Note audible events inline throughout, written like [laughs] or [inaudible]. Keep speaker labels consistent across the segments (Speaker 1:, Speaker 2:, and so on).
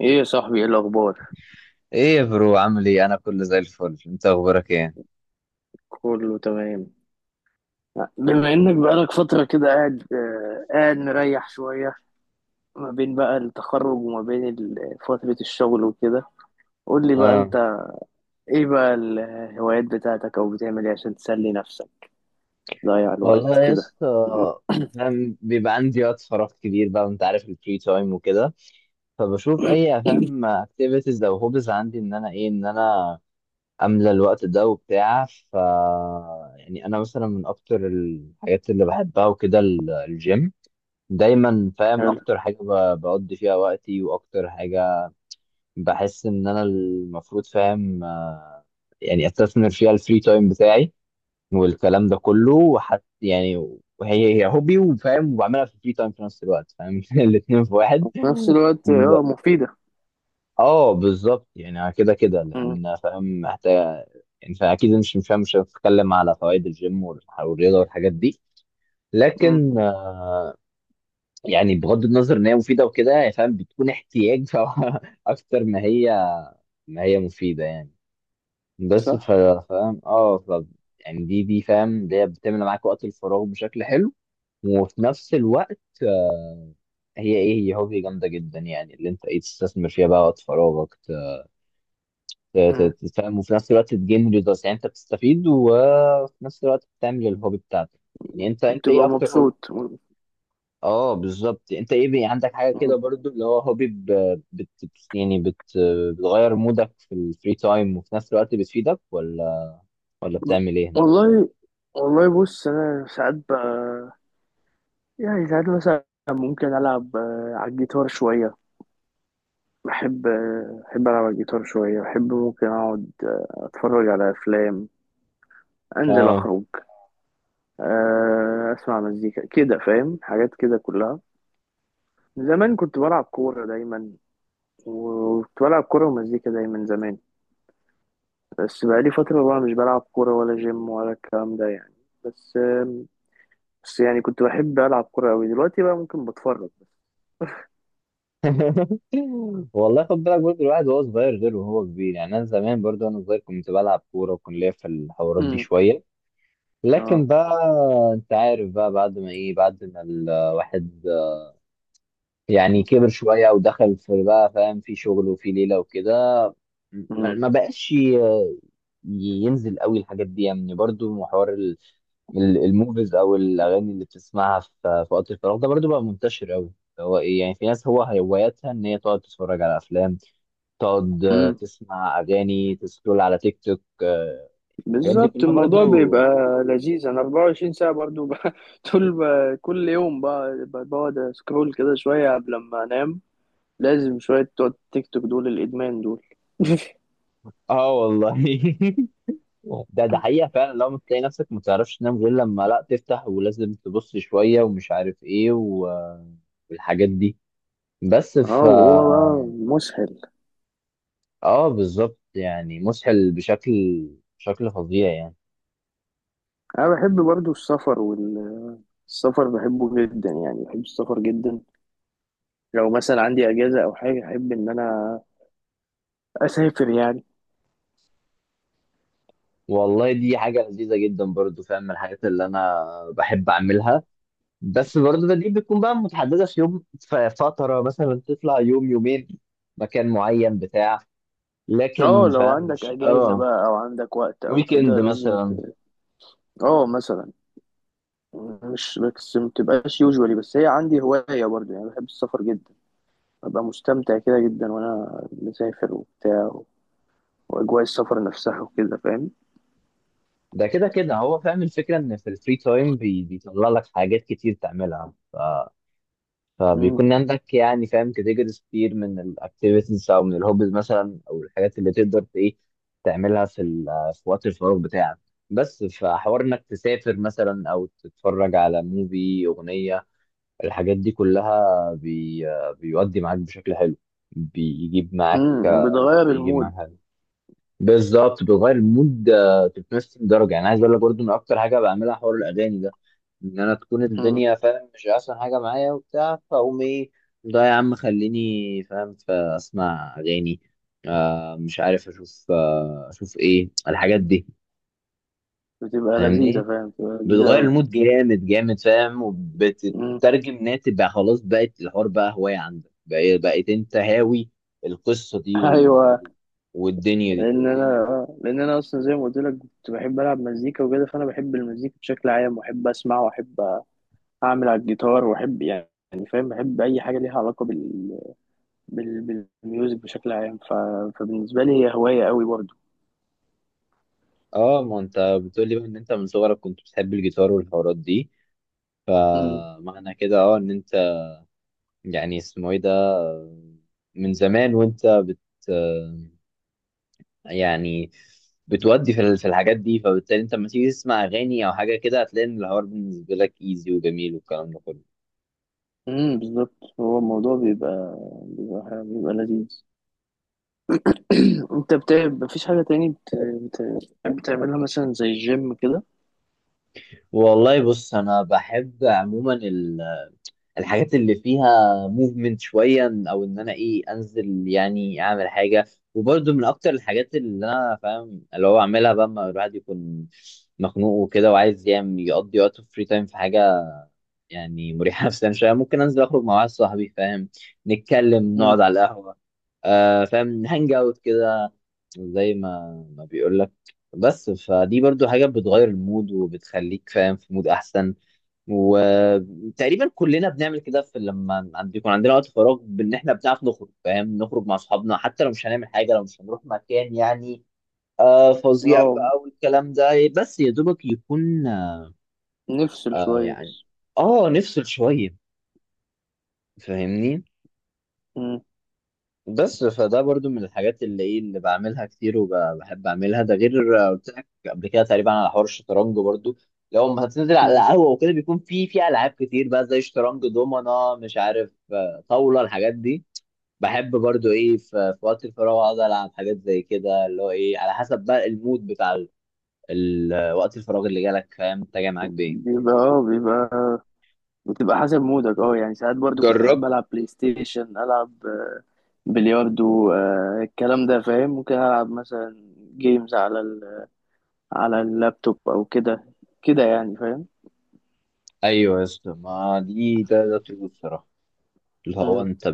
Speaker 1: ايه يا صاحبي؟ ايه الاخبار؟
Speaker 2: ايه يا برو عامل ايه؟ انا كله زي الفل، انت اخبارك ايه؟
Speaker 1: كله تمام. بما انك بقالك فتره كده قاعد مريح شويه، ما بين بقى التخرج وما بين فتره الشغل وكده. قول لي بقى
Speaker 2: اه
Speaker 1: انت، ايه بقى الهوايات بتاعتك او بتعمل ايه عشان تسلي نفسك تضيع الوقت
Speaker 2: والله يا
Speaker 1: كده؟
Speaker 2: اسطى، فاهم، بيبقى عندي وقت فراغ كبير بقى، وانت عارف الفري تايم وكده، فبشوف اي فاهم اكتيفيتيز او هوبز عندي، ان انا ايه، ان انا املى الوقت ده وبتاع. ف يعني انا مثلا من اكتر الحاجات اللي بحبها وكده الجيم. دايما فاهم
Speaker 1: حلو.
Speaker 2: اكتر حاجه بقضي فيها وقتي واكتر حاجه بحس ان انا المفروض فاهم، يعني استثمر فيها الفري تايم بتاعي والكلام ده كله. وحت يعني، وهي هي هوبي، وفاهم، وبعملها في فري تايم، في نفس الوقت فاهم، [laughs] الاثنين في واحد.
Speaker 1: في نفس الوقت،
Speaker 2: لا.
Speaker 1: اه، مفيده.
Speaker 2: اه بالظبط، يعني كده كده،
Speaker 1: مم.
Speaker 2: لان فاهم محتاج. يعني فاكيد مش هتكلم على فوائد الجيم والرياضه والحاجات دي،
Speaker 1: مم.
Speaker 2: لكن آه، يعني بغض النظر ان هي مفيده وكده، يعني فاهم بتكون احتياج، [laughs] اكتر ما هي، ما هي مفيده يعني. بس
Speaker 1: صح.
Speaker 2: فاهم. اه ف يعني دي فاهم اللي هي بتملى معاك وقت الفراغ بشكل حلو، وفي نفس الوقت آه، هي هوبي جامده جدا، يعني اللي انت ايه تستثمر فيها بقى وقت فراغك،
Speaker 1: مم.
Speaker 2: تفهم، وفي نفس الوقت تجين ريزلتس، يعني انت بتستفيد وفي نفس الوقت بتعمل الهوبي بتاعتك. يعني انت ايه
Speaker 1: بتبقى
Speaker 2: اكتر هوبي؟
Speaker 1: مبسوط. مم.
Speaker 2: اه بالظبط، انت ايه، بي عندك حاجه كده
Speaker 1: مم.
Speaker 2: برضو اللي هو هوبي، ب- بت يعني بت بتغير مودك في الفري تايم، وفي نفس الوقت بتفيدك، ولا بتعمل ايه؟
Speaker 1: والله والله، بص انا ساعات بقى، يعني ساعات مثلا ممكن العب على الجيتار شويه. بحب بحب ألعب على الجيتار شوية. بحب ممكن أقعد أتفرج على أفلام، أنزل
Speaker 2: اه.
Speaker 1: أخرج، أسمع مزيكا كده فاهم حاجات كده كلها. زمان كنت بلعب كورة دايما، وكنت بلعب كورة ومزيكا دايما زمان. بس بقالي فترة بقى مش بلعب كورة ولا جيم ولا الكلام ده يعني. بس آه، بس يعني كنت بحب ألعب كورة أوي، دلوقتي بقى ممكن بتفرج بس.
Speaker 2: [laughs] والله خد بالك برضه، الواحد وهو صغير غير وهو كبير، يعني انا زمان برضه وانا صغير كنت بلعب كوره وكنت ليا في الحوارات دي
Speaker 1: امم.
Speaker 2: شويه، لكن
Speaker 1: اه.
Speaker 2: بقى انت عارف بقى، بعد ما ايه، بعد ما الواحد يعني كبر شويه ودخل في بقى فاهم في شغل وفي ليله وكده، ما بقاش ينزل قوي الحاجات دي يعني. برضه حوار الموفيز او الاغاني اللي بتسمعها في في وقت الفراغ ده، برضو بقى منتشر قوي. هو ايه، يعني في ناس هو هواياتها ان هي تقعد تتفرج على افلام، تقعد آه،
Speaker 1: امم.
Speaker 2: تسمع اغاني، تسكرول على تيك توك، آه، الحاجات دي
Speaker 1: بالظبط
Speaker 2: كلها
Speaker 1: الموضوع
Speaker 2: برضو.
Speaker 1: بيبقى لذيذ. انا 24 ساعة برضو [laughs] طول كل يوم بقعد اسكرول كده شوية قبل ما انام. لازم شوية بتوع التيك توك دول الادمان دول. [laughs]
Speaker 2: اه والله. [laughs] ده حقيقة فعلا، لو بتلاقي نفسك ما تعرفش تنام غير لما لا تفتح، ولازم تبص شوية ومش عارف ايه والحاجات دي، بس ف
Speaker 1: اه، وهو بقى مسهل.
Speaker 2: اه بالظبط يعني مسحل بشكل، بشكل فظيع يعني.
Speaker 1: انا بحب برضو السفر، والسفر بحبه جدا، يعني بحب السفر جدا. لو مثلا عندي اجازة او حاجة احب ان انا اسافر يعني.
Speaker 2: والله دي حاجة لذيذة جدا، برضو فاهم من الحاجات اللي أنا بحب أعملها، بس برضو دي بتكون بقى متحددة في يوم، في فترة مثلا تطلع يوم يومين مكان معين بتاع،
Speaker 1: اه،
Speaker 2: لكن
Speaker 1: لو
Speaker 2: فاهم
Speaker 1: عندك
Speaker 2: مش
Speaker 1: اجازة
Speaker 2: اه
Speaker 1: بقى او عندك وقت او
Speaker 2: ويكند
Speaker 1: كده لازم
Speaker 2: مثلا.
Speaker 1: ت... اه، مثلا، مش بس ما بتبقاش يوجوالي، بس هي عندي هواية برضه يعني بحب السفر جدا. ببقى مستمتع كده جدا وأنا مسافر وبتاع وأجواء السفر نفسها وكده فاهم.
Speaker 2: ده كده كده هو فاهم الفكرة، إن في الفري تايم بيطلع لك حاجات كتير تعملها،
Speaker 1: مم.
Speaker 2: فبيكون عندك يعني فاهم كاتيجوريز كتير من الاكتيفيتيز او من الهوبز مثلا، او الحاجات اللي تقدر ايه تعملها في في وقت الفراغ بتاعك. بس فحوار انك تسافر مثلا، او تتفرج على موفي، اغنيه، الحاجات دي كلها بي بيودي معاك بشكل حلو. بيجيب معاك
Speaker 1: مم. وبتغير
Speaker 2: بيجيب
Speaker 1: المود.
Speaker 2: معاك بالظبط، بتغير المود آه، 360 درجه. يعني عايز اقول لك برضو ان اكتر حاجه بعملها حوار الاغاني ده، ان انا تكون
Speaker 1: مم.
Speaker 2: الدنيا فاهم مش احسن حاجه معايا وبتاع، فاقوم ايه، ده يا عم خليني فاهم فاسمع اغاني، آه مش عارف اشوف، آه اشوف ايه الحاجات دي.
Speaker 1: بتبقى لذيذة
Speaker 2: فاهمني؟
Speaker 1: فاهم، بتبقى لذيذة
Speaker 2: بتغير
Speaker 1: أوي.
Speaker 2: المود جامد فاهم،
Speaker 1: مم.
Speaker 2: وبتترجم انها تبقى خلاص، بقت الحوار بقى هوايه عندك، بقيت انت هاوي القصه دي
Speaker 1: [laughs] أيوة.
Speaker 2: والدنيا دي.
Speaker 1: لأن أنا أصلا زي ما قلت لك كنت بحب ألعب مزيكا وكده، فأنا بحب المزيكا بشكل عام، وأحب أسمع وأحب أعمل على الجيتار وأحب، يعني فاهم، بحب أي حاجة ليها علاقة بالميوزك بشكل عام ف... فبالنسبة لي هي هواية قوي برضه.
Speaker 2: اه ما انت بتقول لي بقى ان انت من صغرك كنت بتحب الجيتار والحوارات دي،
Speaker 1: امم
Speaker 2: فمعنى كده اه ان انت يعني اسمه ايه ده، من زمان وانت بت يعني بتودي في في الحاجات دي، فبالتالي انت لما تيجي تسمع اغاني او حاجه كده، هتلاقي ان الحوار بالنسبه لك ايزي وجميل والكلام ده كله.
Speaker 1: بالظبط. هو الموضوع بيبقى لذيذ. [clears throat] انت بتاع، مفيش حاجة تاني بتحب تعملها مثلا زي الجيم كده؟
Speaker 2: والله بص، انا بحب عموما الحاجات اللي فيها موفمنت شويه، او ان انا ايه انزل يعني اعمل حاجه. وبرده من اكتر الحاجات اللي انا فاهم اللي هو اعملها بقى لما الواحد يكون مخنوق وكده، وعايز يعمل يقضي وقته فري تايم في حاجه يعني مريحه [laughs] نفسيا شويه، ممكن انزل اخرج مع واحد صاحبي فاهم، نتكلم،
Speaker 1: امم.
Speaker 2: نقعد على القهوه، آه فاهم هانج اوت كده، زي ما بيقول لك. بس فدي برضو حاجه بتغير المود وبتخليك فاهم في مود احسن. وتقريبا كلنا بنعمل كده في لما يكون عندنا وقت فراغ، بان احنا بنعرف نخرج فاهم، نخرج مع اصحابنا حتى لو مش هنعمل حاجه، لو مش هنروح مكان يعني آه فظيع
Speaker 1: اه،
Speaker 2: بقى والكلام ده. بس يا دوبك يكون
Speaker 1: نفصل
Speaker 2: آه
Speaker 1: شوية.
Speaker 2: يعني اه نفصل شويه، فاهمني؟
Speaker 1: امم.
Speaker 2: بس فده برضو من الحاجات اللي ايه اللي بعملها كتير وبحب اعملها. ده غير آه، قلت لك قبل كده تقريبا على حوار الشطرنج برضو، لو ما هتنزل على
Speaker 1: امم.
Speaker 2: القهوه وكده، بيكون في في العاب كتير بقى، زي شطرنج، دومنا، مش عارف آه، طاوله، الحاجات دي. بحب برضو ايه في، في وقت الفراغ اقعد العب حاجات زي كده، اللي هو ايه على حسب بقى المود بتاع وقت الفراغ اللي جالك، فاهم انت جاي معاك بايه.
Speaker 1: بيبقى بتبقى حسب مودك. اه، يعني ساعات برضو كنت احب
Speaker 2: جربت،
Speaker 1: العب بلاي ستيشن، العب بلياردو، الكلام ده فاهم. ممكن العب مثلا جيمز على اللابتوب او كده، كده يعني فاهم.
Speaker 2: ايوه يا اسطى، ما دي ده طول الصراحه اللي هو
Speaker 1: مم.
Speaker 2: انت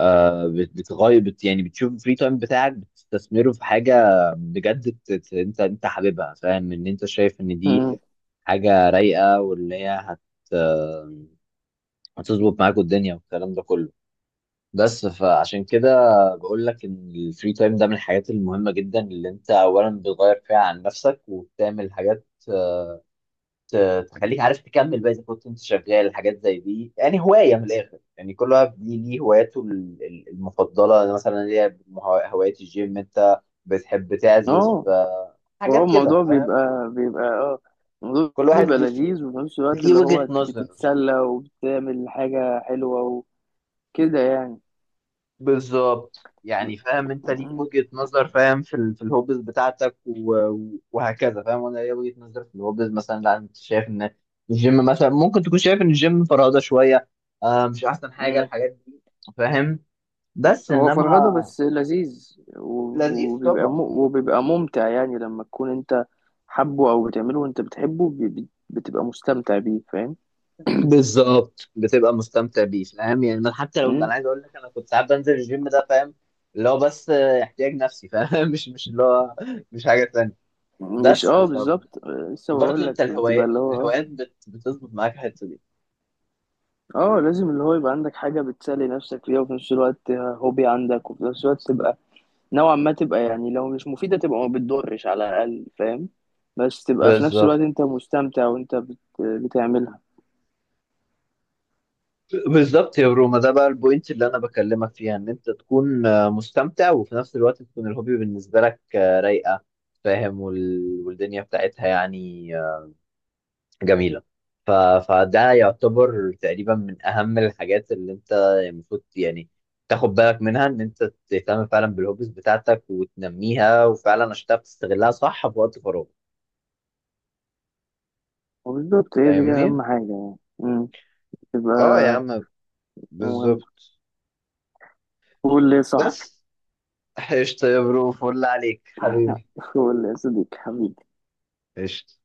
Speaker 2: آه، بتغير بت يعني بتشوف الفري تايم بتاعك، بتستثمره في حاجه بجد، انت حاببها، فاهم ان انت شايف ان دي
Speaker 1: مم.
Speaker 2: حاجه رايقه، واللي هي هت آه، هتظبط معاك الدنيا والكلام ده كله. بس فعشان كده بقول لك ان الفري تايم ده من الحاجات المهمه جدا، اللي انت اولا بتغير فيها عن نفسك، وبتعمل حاجات تخليك عارف تكمل بقى اذا كنت انت شغال حاجات زي دي، يعني هوايه من الاخر. يعني كل واحد ليه هواياته المفضله، انا مثلا ليا هوايه الجيم، انت بتحب تعزف
Speaker 1: اه.
Speaker 2: آه،
Speaker 1: هو
Speaker 2: حاجات كده
Speaker 1: الموضوع
Speaker 2: فاهم.
Speaker 1: بيبقى بيبقى اه الموضوع
Speaker 2: كل واحد
Speaker 1: بيبقى
Speaker 2: ليه
Speaker 1: لذيذ وفي نفس الوقت
Speaker 2: ليه
Speaker 1: اللي
Speaker 2: وجهه
Speaker 1: هو
Speaker 2: نظر.
Speaker 1: بتتسلى وبتعمل حاجة حلوة وكده يعني.
Speaker 2: بالظبط يعني فاهم، انت ليك
Speaker 1: مم.
Speaker 2: وجهه نظر فاهم في في الهوبز بتاعتك و- و- وهكذا، فاهم، وانا ليا وجهه نظر في الهوبز مثلا، لا انت شايف ان الجيم مثلا، ممكن تكون شايف ان الجيم فرهده شويه آه، مش احسن حاجه،
Speaker 1: مم.
Speaker 2: الحاجات دي فاهم، بس
Speaker 1: هو فرهدة
Speaker 2: انما
Speaker 1: بس لذيذ،
Speaker 2: لذيذ طبعا.
Speaker 1: وبيبقى ممتع، يعني لما تكون انت حبه او بتعمله وانت بتحبه بتبقى مستمتع بيه فاهم.
Speaker 2: بالظبط، بتبقى مستمتع بيه، فاهم يعني، من حتى لو
Speaker 1: مم.
Speaker 2: انا عايز اقول لك، انا كنت ساعات بنزل الجيم ده فاهم اللي هو بس آه، احتياج نفسي فاهم، [laughs] مش اللي هو، مش حاجه تانية.
Speaker 1: مش،
Speaker 2: بس
Speaker 1: بالظبط،
Speaker 2: فبرضه
Speaker 1: لسه بقول
Speaker 2: انت
Speaker 1: لك بتبقى
Speaker 2: الهوايات،
Speaker 1: اللي هو
Speaker 2: الهوايات بتظبط معاك الحته دي.
Speaker 1: اه، لازم اللي هو يبقى عندك حاجة بتسلي نفسك فيها وفي نفس الوقت هوبي عندك وفي نفس الوقت تبقى نوعا ما، تبقى يعني لو مش مفيدة تبقى ما بتضرش على الأقل فاهم. بس تبقى في نفس الوقت
Speaker 2: بالظبط.
Speaker 1: انت مستمتع وانت بتعملها.
Speaker 2: بالظبط يا روما، ده بقى البوينت اللي انا بكلمك فيها، ان انت تكون آه، مستمتع، وفي نفس الوقت تكون الهوبي بالنسبه لك آه، رايقه، فاهم والدنيا بتاعتها يعني جميلة. ف... فده يعتبر تقريبا من أهم الحاجات اللي أنت المفروض يعني تاخد بالك منها، إن أنت تهتم فعلا بالهوبيز بتاعتك وتنميها، وفعلا عشان تعرف تستغلها صح في وقت فراغك.
Speaker 1: وبالظبط هي دي
Speaker 2: فاهمني؟
Speaker 1: أهم حاجة يعني. مم.
Speaker 2: اه يا
Speaker 1: تبقى
Speaker 2: عم،
Speaker 1: مهم.
Speaker 2: بالظبط.
Speaker 1: قول لي يا صاحبي.
Speaker 2: بس قشطة يا برو، فل عليك حبيبي.
Speaker 1: [laughs] قول لي يا صديقي حبيبي.
Speaker 2: قشطة.